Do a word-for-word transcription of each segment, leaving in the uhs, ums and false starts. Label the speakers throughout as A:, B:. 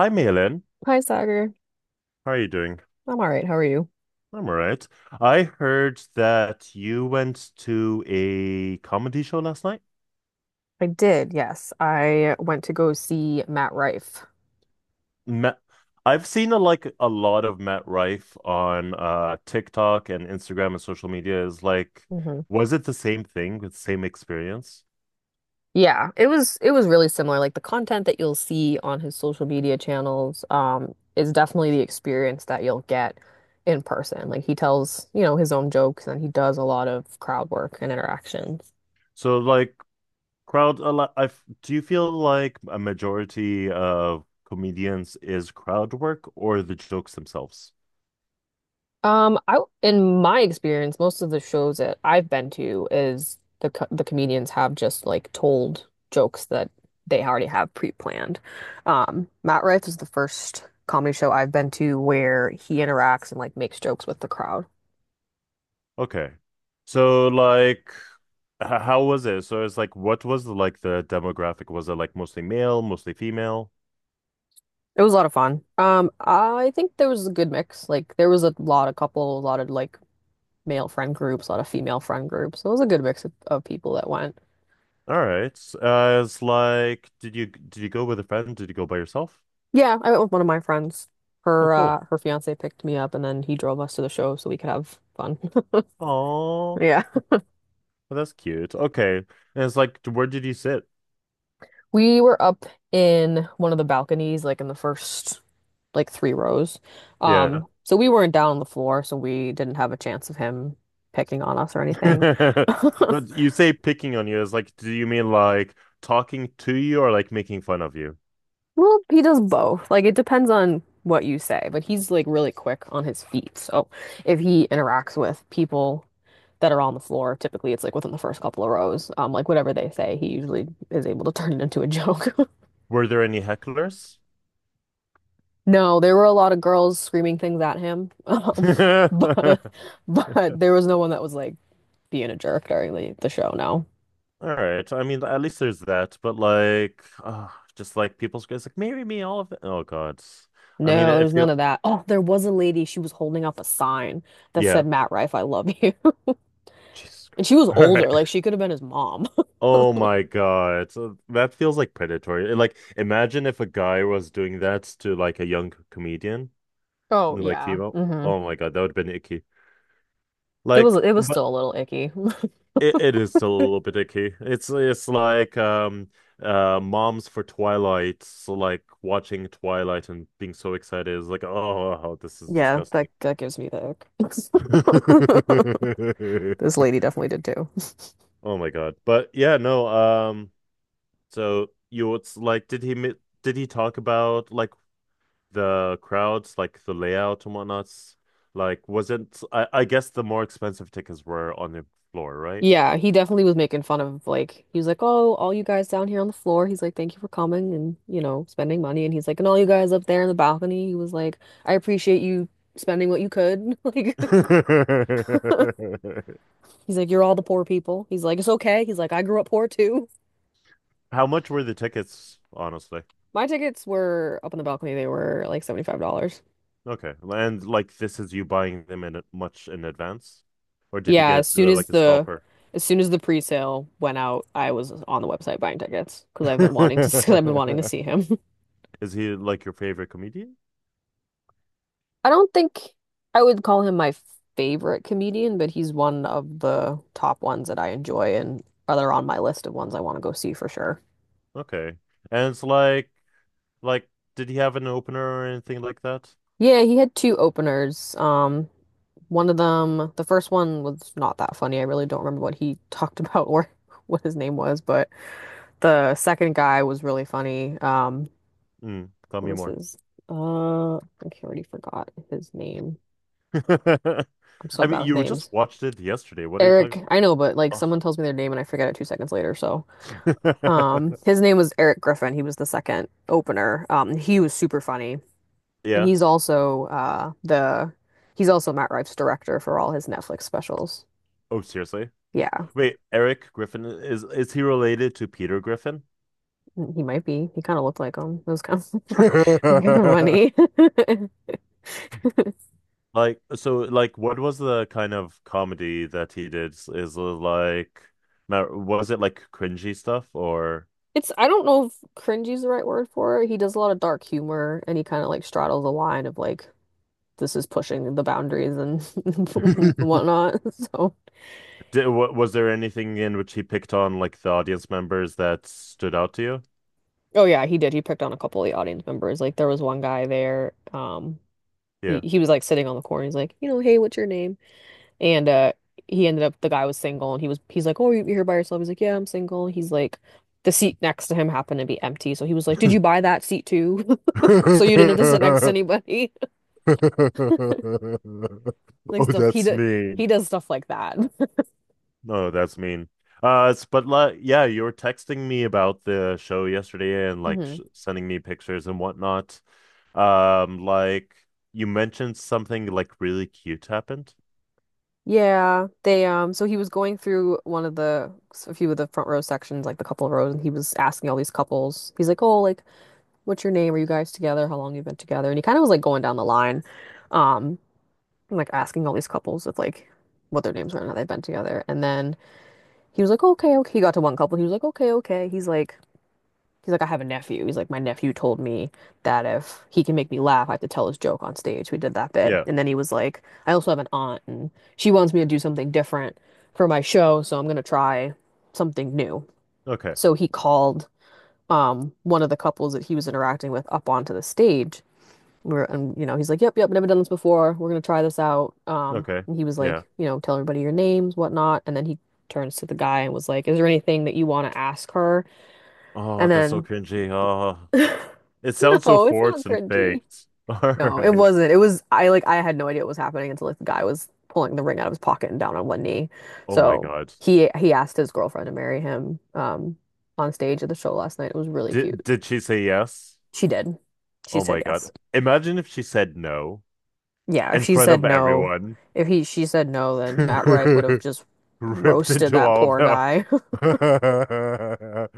A: Hi, Malin.
B: Hi, Sagar.
A: How are you doing?
B: I'm all right. How are you?
A: I'm all right. I heard that you went to a comedy show last night.
B: I did, yes. I went to go see Matt Rife.
A: Matt, I've seen a, like a lot of Matt Rife on uh, TikTok and Instagram and social media. Is like,
B: Hmm.
A: was it the same thing with same experience?
B: Yeah, it was it was really similar. Like the content that you'll see on his social media channels, um, is definitely the experience that you'll get in person. Like he tells, you know, his own jokes and he does a lot of crowd work and interactions.
A: So like crowd, a lot, I do you feel like a majority of comedians is crowd work or the jokes themselves?
B: Um, I in my experience, most of the shows that I've been to is the co the comedians have just like told jokes that they already have pre-planned. Um, Matt Rife is the first comedy show I've been to where he interacts and like makes jokes with the crowd.
A: Okay. So like h- how was it? So it's like, what was the, like the demographic? Was it like mostly male, mostly female?
B: It was a lot of fun. Um, I think there was a good mix. Like there was a lot of couple, a lot of like male friend groups, a lot of female friend groups. So it was a good mix of, of people that went.
A: All right. Uh, it's like, did you did you go with a friend? Did you go by yourself?
B: Yeah, I went with one of my friends.
A: Oh,
B: Her
A: cool.
B: uh her fiance picked me up and then he drove us to the show so we could have fun.
A: Oh,
B: Yeah.
A: well, that's cute. Okay. And it's like, where did you sit?
B: We were up in one of the balconies, like in the first like three rows.
A: Yeah.
B: Um, so we weren't down on the floor, so we didn't have a chance of him picking on us or anything.
A: But you say picking on you is like, do you mean like talking to you or like making fun of you?
B: Well, he does both. Like it depends on what you say, but he's like really quick on his feet. So if he interacts with people that are on the floor, typically it's like within the first couple of rows. Um, like whatever they say, he usually is able to turn it into a joke.
A: Were there any hecklers?
B: No, there were a lot of girls screaming things at him. Um, but but there was no one that was like being a jerk during the, the show, no.
A: All right. I mean, at least there's that. But like, uh, just like people's guys, like marry me, all of it. Oh God. I mean,
B: No, there
A: it
B: was none
A: feel
B: of that. Oh, there was a lady, she was holding up a sign that
A: yeah.
B: said, Matt Rife, I love you.
A: Jesus
B: And she
A: Christ.
B: was
A: All right.
B: older, like she could have been his mom.
A: Oh my God. So that feels like predatory. And, like, imagine if a guy was doing that to like a young comedian,
B: Oh
A: like
B: yeah.
A: female.
B: Hmm.
A: Oh my God, that would have been icky.
B: It was
A: Like,
B: it was
A: but
B: still a little icky.
A: It, it is still a little bit icky. It's it's like um uh moms for Twilight, so like watching Twilight and being so excited is like, oh, this is
B: Yeah,
A: disgusting.
B: that that gives me the ick. This lady definitely did too.
A: Oh my God. But yeah, no, um so you it's like did he mi- did he talk about like the crowds, like the layout and whatnot? Like wasn't I, I guess the more expensive tickets were on the floor, right?
B: Yeah, he definitely was making fun of like he was like, "Oh, all you guys down here on the floor." He's like, "Thank you for coming and, you know, spending money." And he's like, "And all you guys up there in the balcony." He was like, "I appreciate you spending what you could." Like he's like, "You're all the poor people." He's like, "It's okay." He's like, "I grew up poor too."
A: How much were the tickets, honestly?
B: My tickets were up on the balcony. They were like seventy-five dollars.
A: Okay. And like this is you buying them in a- much in advance? Or did you
B: Yeah,
A: get it
B: as soon
A: through like
B: as
A: a
B: the
A: scalper?
B: as soon as the pre-sale went out, I was on the website buying tickets because I've been wanting to because I've been wanting to see him.
A: Is he like your favorite comedian?
B: I don't think I would call him my favorite comedian, but he's one of the top ones that I enjoy and other on my list of ones I want to go see for sure.
A: Okay. And it's like like did he have an opener or anything like that?
B: Yeah, he had two openers. Um, one of them, the first one was not that funny. I really don't remember what he talked about or what his name was, but the second guy was really funny. Um,
A: Mm, tell
B: what
A: me
B: was
A: more.
B: his? Uh, I think I already forgot his name. I'm so
A: I mean,
B: bad with
A: you just
B: names.
A: watched it yesterday. What are you talking?
B: Eric, I know, but like
A: Ugh.
B: someone tells me their name and I forget it two seconds later, so. Um, his name was Eric Griffin. He was the second opener. Um, he was super funny, and
A: Yeah.
B: he's also uh the he's also Matt Rife's director for all his Netflix specials.
A: Oh, seriously?
B: Yeah,
A: Wait, Eric Griffin is is he related to Peter Griffin?
B: he might be. He kind of looked like him. It was kind of kind of funny.
A: Like so, like what was the kind of comedy that he did? Is it like now was it like cringy stuff or
B: It's I don't know if cringy is the right word for it. He does a lot of dark humor, and he kind of like straddles the line of like this is pushing the boundaries and whatnot. So.
A: did wa- was there anything in which he picked on like the audience members that stood out to you?
B: Oh yeah, he did. He picked on a couple of the audience members. Like there was one guy there. Um, he
A: Yeah.
B: he was like sitting on the corner. He's like, you know, hey, what's your name? And uh, he ended up the guy was single, and he was he's like, oh, you're here by yourself. He's like, yeah, I'm single. He's like, the seat next to him happened to be empty, so he was like, did you buy that seat too? So you didn't have to sit next to anybody. Like
A: Oh,
B: stuff he
A: that's
B: do,
A: me.
B: he does stuff like that.
A: No, that's mean. Uh, s- but li- yeah, you were texting me about the show yesterday and like
B: Hmm.
A: sh sending me pictures and whatnot. Um, like you mentioned something like really cute happened.
B: Yeah, they um so he was going through one of the a few of the front row sections, like the couple of rows, and he was asking all these couples. He's like, "Oh, like what's your name? Are you guys together? How long you been together?" And he kind of was like going down the line, um, and, like asking all these couples if like what their names were and how they've been together. And then he was like, okay, okay. He got to one couple. He was like, okay, okay. He's like, he's like, I have a nephew. He's like, my nephew told me that if he can make me laugh, I have to tell his joke on stage. We did that bit.
A: Yeah.
B: And then he was like, I also have an aunt, and she wants me to do something different for my show, so I'm gonna try something new.
A: Okay.
B: So he called um one of the couples that he was interacting with up onto the stage, we're and you know, he's like, yep, yep, never done this before, we're gonna try this out. um
A: Okay.
B: and he was
A: Yeah.
B: like, you know, tell everybody your names, whatnot. And then he turns to the guy and was like, is there anything that you want to ask her?
A: Oh,
B: And
A: that's so
B: then
A: cringy. Oh, it sounds so
B: no it's not
A: forced and
B: cringy,
A: faked. All
B: no it
A: right.
B: wasn't, it was, I like, I had no idea what was happening until like the guy was pulling the ring out of his pocket and down on one knee.
A: Oh my
B: So
A: God.
B: he he asked his girlfriend to marry him, um on stage at the show last night. It was really cute.
A: Did did she say yes?
B: She did, she
A: Oh my
B: said yes.
A: God. Imagine if she said no
B: Yeah, if
A: in
B: she
A: front
B: said
A: of
B: no,
A: everyone.
B: if he she said no, then Matt Rife would have just
A: Ripped
B: roasted
A: into
B: that
A: all of
B: poor
A: them.
B: guy.
A: Like I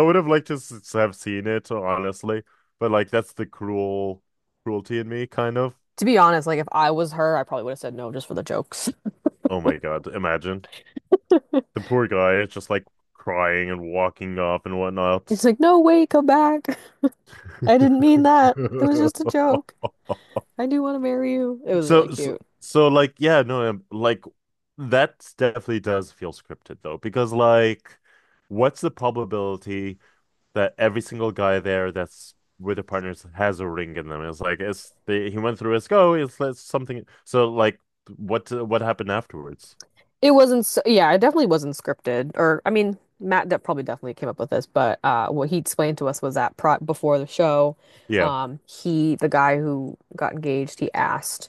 A: would have liked to s have seen it, honestly, but like that's the cruel cruelty in me, kind of.
B: To be honest, like if I was her, I probably would have said no just for the jokes.
A: Oh my God, imagine the poor guy is just like crying and walking off and
B: He's
A: whatnot.
B: like, "No, wait, come back. I didn't mean that. It was just a joke. I do want to marry you." It was really
A: So, so,
B: cute.
A: so like, yeah, no, um, like that definitely does feel scripted though, because like, what's the probability that every single guy there that's with the partners has a ring in them. It's like it's the, he went through his go. It's, it's something. So like, what what happened afterwards?
B: It wasn't, s- yeah, it definitely wasn't scripted. Or, I mean, Matt that probably definitely came up with this, but uh, what he explained to us was that pro before the show,
A: Yeah,
B: um, he, the guy who got engaged, he asked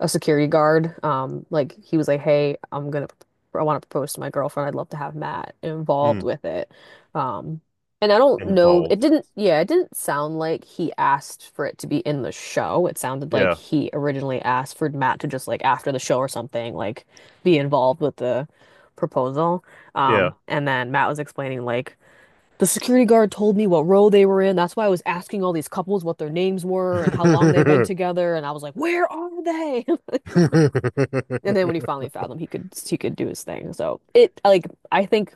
B: a security guard, um, like he was like, "Hey, I'm gonna, I want to propose to my girlfriend. I'd love to have Matt involved
A: mm.
B: with it." Um, and I don't know, it
A: Involve.
B: didn't, yeah, it didn't sound like he asked for it to be in the show. It sounded like
A: Yeah,
B: he originally asked for Matt to just like after the show or something, like be involved with the proposal.
A: yeah,
B: Um, and then Matt was explaining like the security guard told me what row they were in. That's why I was asking all these couples what their names were and how long they've been together. And I was like, where are they? And then when he finally found them, he could he could do his thing. So it like I think,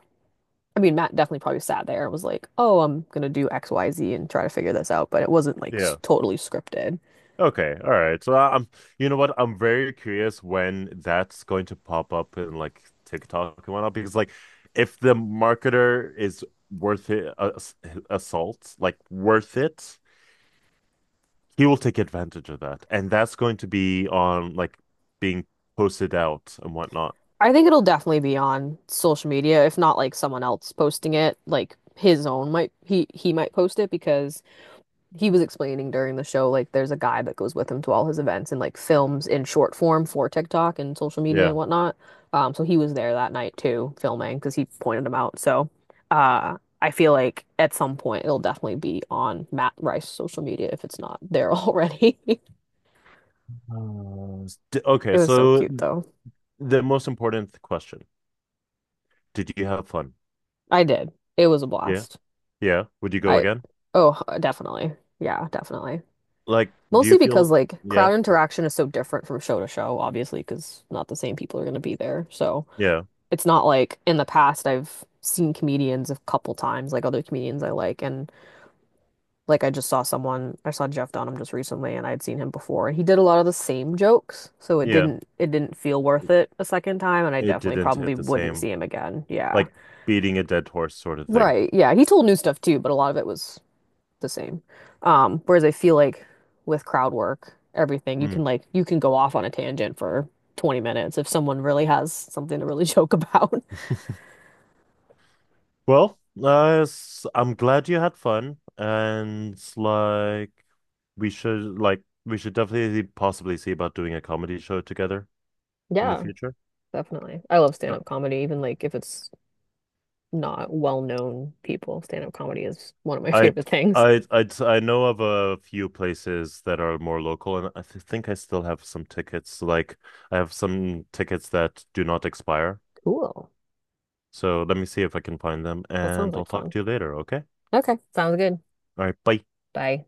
B: I mean, Matt definitely probably sat there and was like, oh, I'm gonna do X, Y, Z and try to figure this out. But it wasn't like
A: yeah.
B: totally scripted.
A: Okay, all right. So I'm, you know what? I'm very curious when that's going to pop up in like TikTok and whatnot because like, if the marketer is worth it, uh, assault, like worth it. He will take advantage of that. And that's going to be on like being posted out and whatnot.
B: I think it'll definitely be on social media, if not like someone else posting it, like his own might, he he might post it because he was explaining during the show like there's a guy that goes with him to all his events and like films in short form for TikTok and social media
A: Yeah.
B: and whatnot. Um, so he was there that night too, filming because he pointed him out. So, uh, I feel like at some point it'll definitely be on Matt Rice's social media if it's not there already.
A: Uh, s- d- okay,
B: It was so
A: so
B: cute though.
A: the most important question. Did you have fun?
B: I did. It was a
A: Yeah.
B: blast.
A: Yeah. Would you go
B: I,
A: again?
B: oh, definitely. Yeah, definitely.
A: Like, do you
B: Mostly because
A: feel
B: like
A: yeah.
B: crowd
A: Cool.
B: interaction is so different from show to show, obviously, because not the same people are going to be there. So
A: Yeah.
B: it's not like in the past I've seen comedians a couple times, like other comedians I like. And like I just saw someone, I saw Jeff Dunham just recently and I would seen him before and he did a lot of the same jokes. So it
A: Yeah.
B: didn't, it didn't feel worth
A: It,
B: it a second time. And I
A: it
B: definitely
A: didn't
B: probably
A: hit the
B: wouldn't
A: same,
B: see him again. Yeah.
A: like beating a dead horse sort of thing.
B: Right. Yeah. He told new stuff too, but a lot of it was the same. Um, whereas I feel like with crowd work, everything, you
A: Mm.
B: can like you can go off on a tangent for twenty minutes if someone really has something to really joke about.
A: Well, uh, s- I'm glad you had fun, and like we should like we should definitely possibly see about doing a comedy show together in the
B: Yeah,
A: future.
B: definitely. I love
A: Uh,
B: stand-up comedy, even like if it's not well-known people. Stand-up comedy is one of my
A: I'd
B: favorite things.
A: I'd I'd I know of a few places that are more local, and I th think I still have some tickets. Like I have some tickets that do not expire,
B: Cool.
A: so let me see if I can find them,
B: That sounds
A: and I'll
B: like
A: talk
B: fun.
A: to you later. Okay?
B: Okay, sounds good.
A: All right, bye.
B: Bye.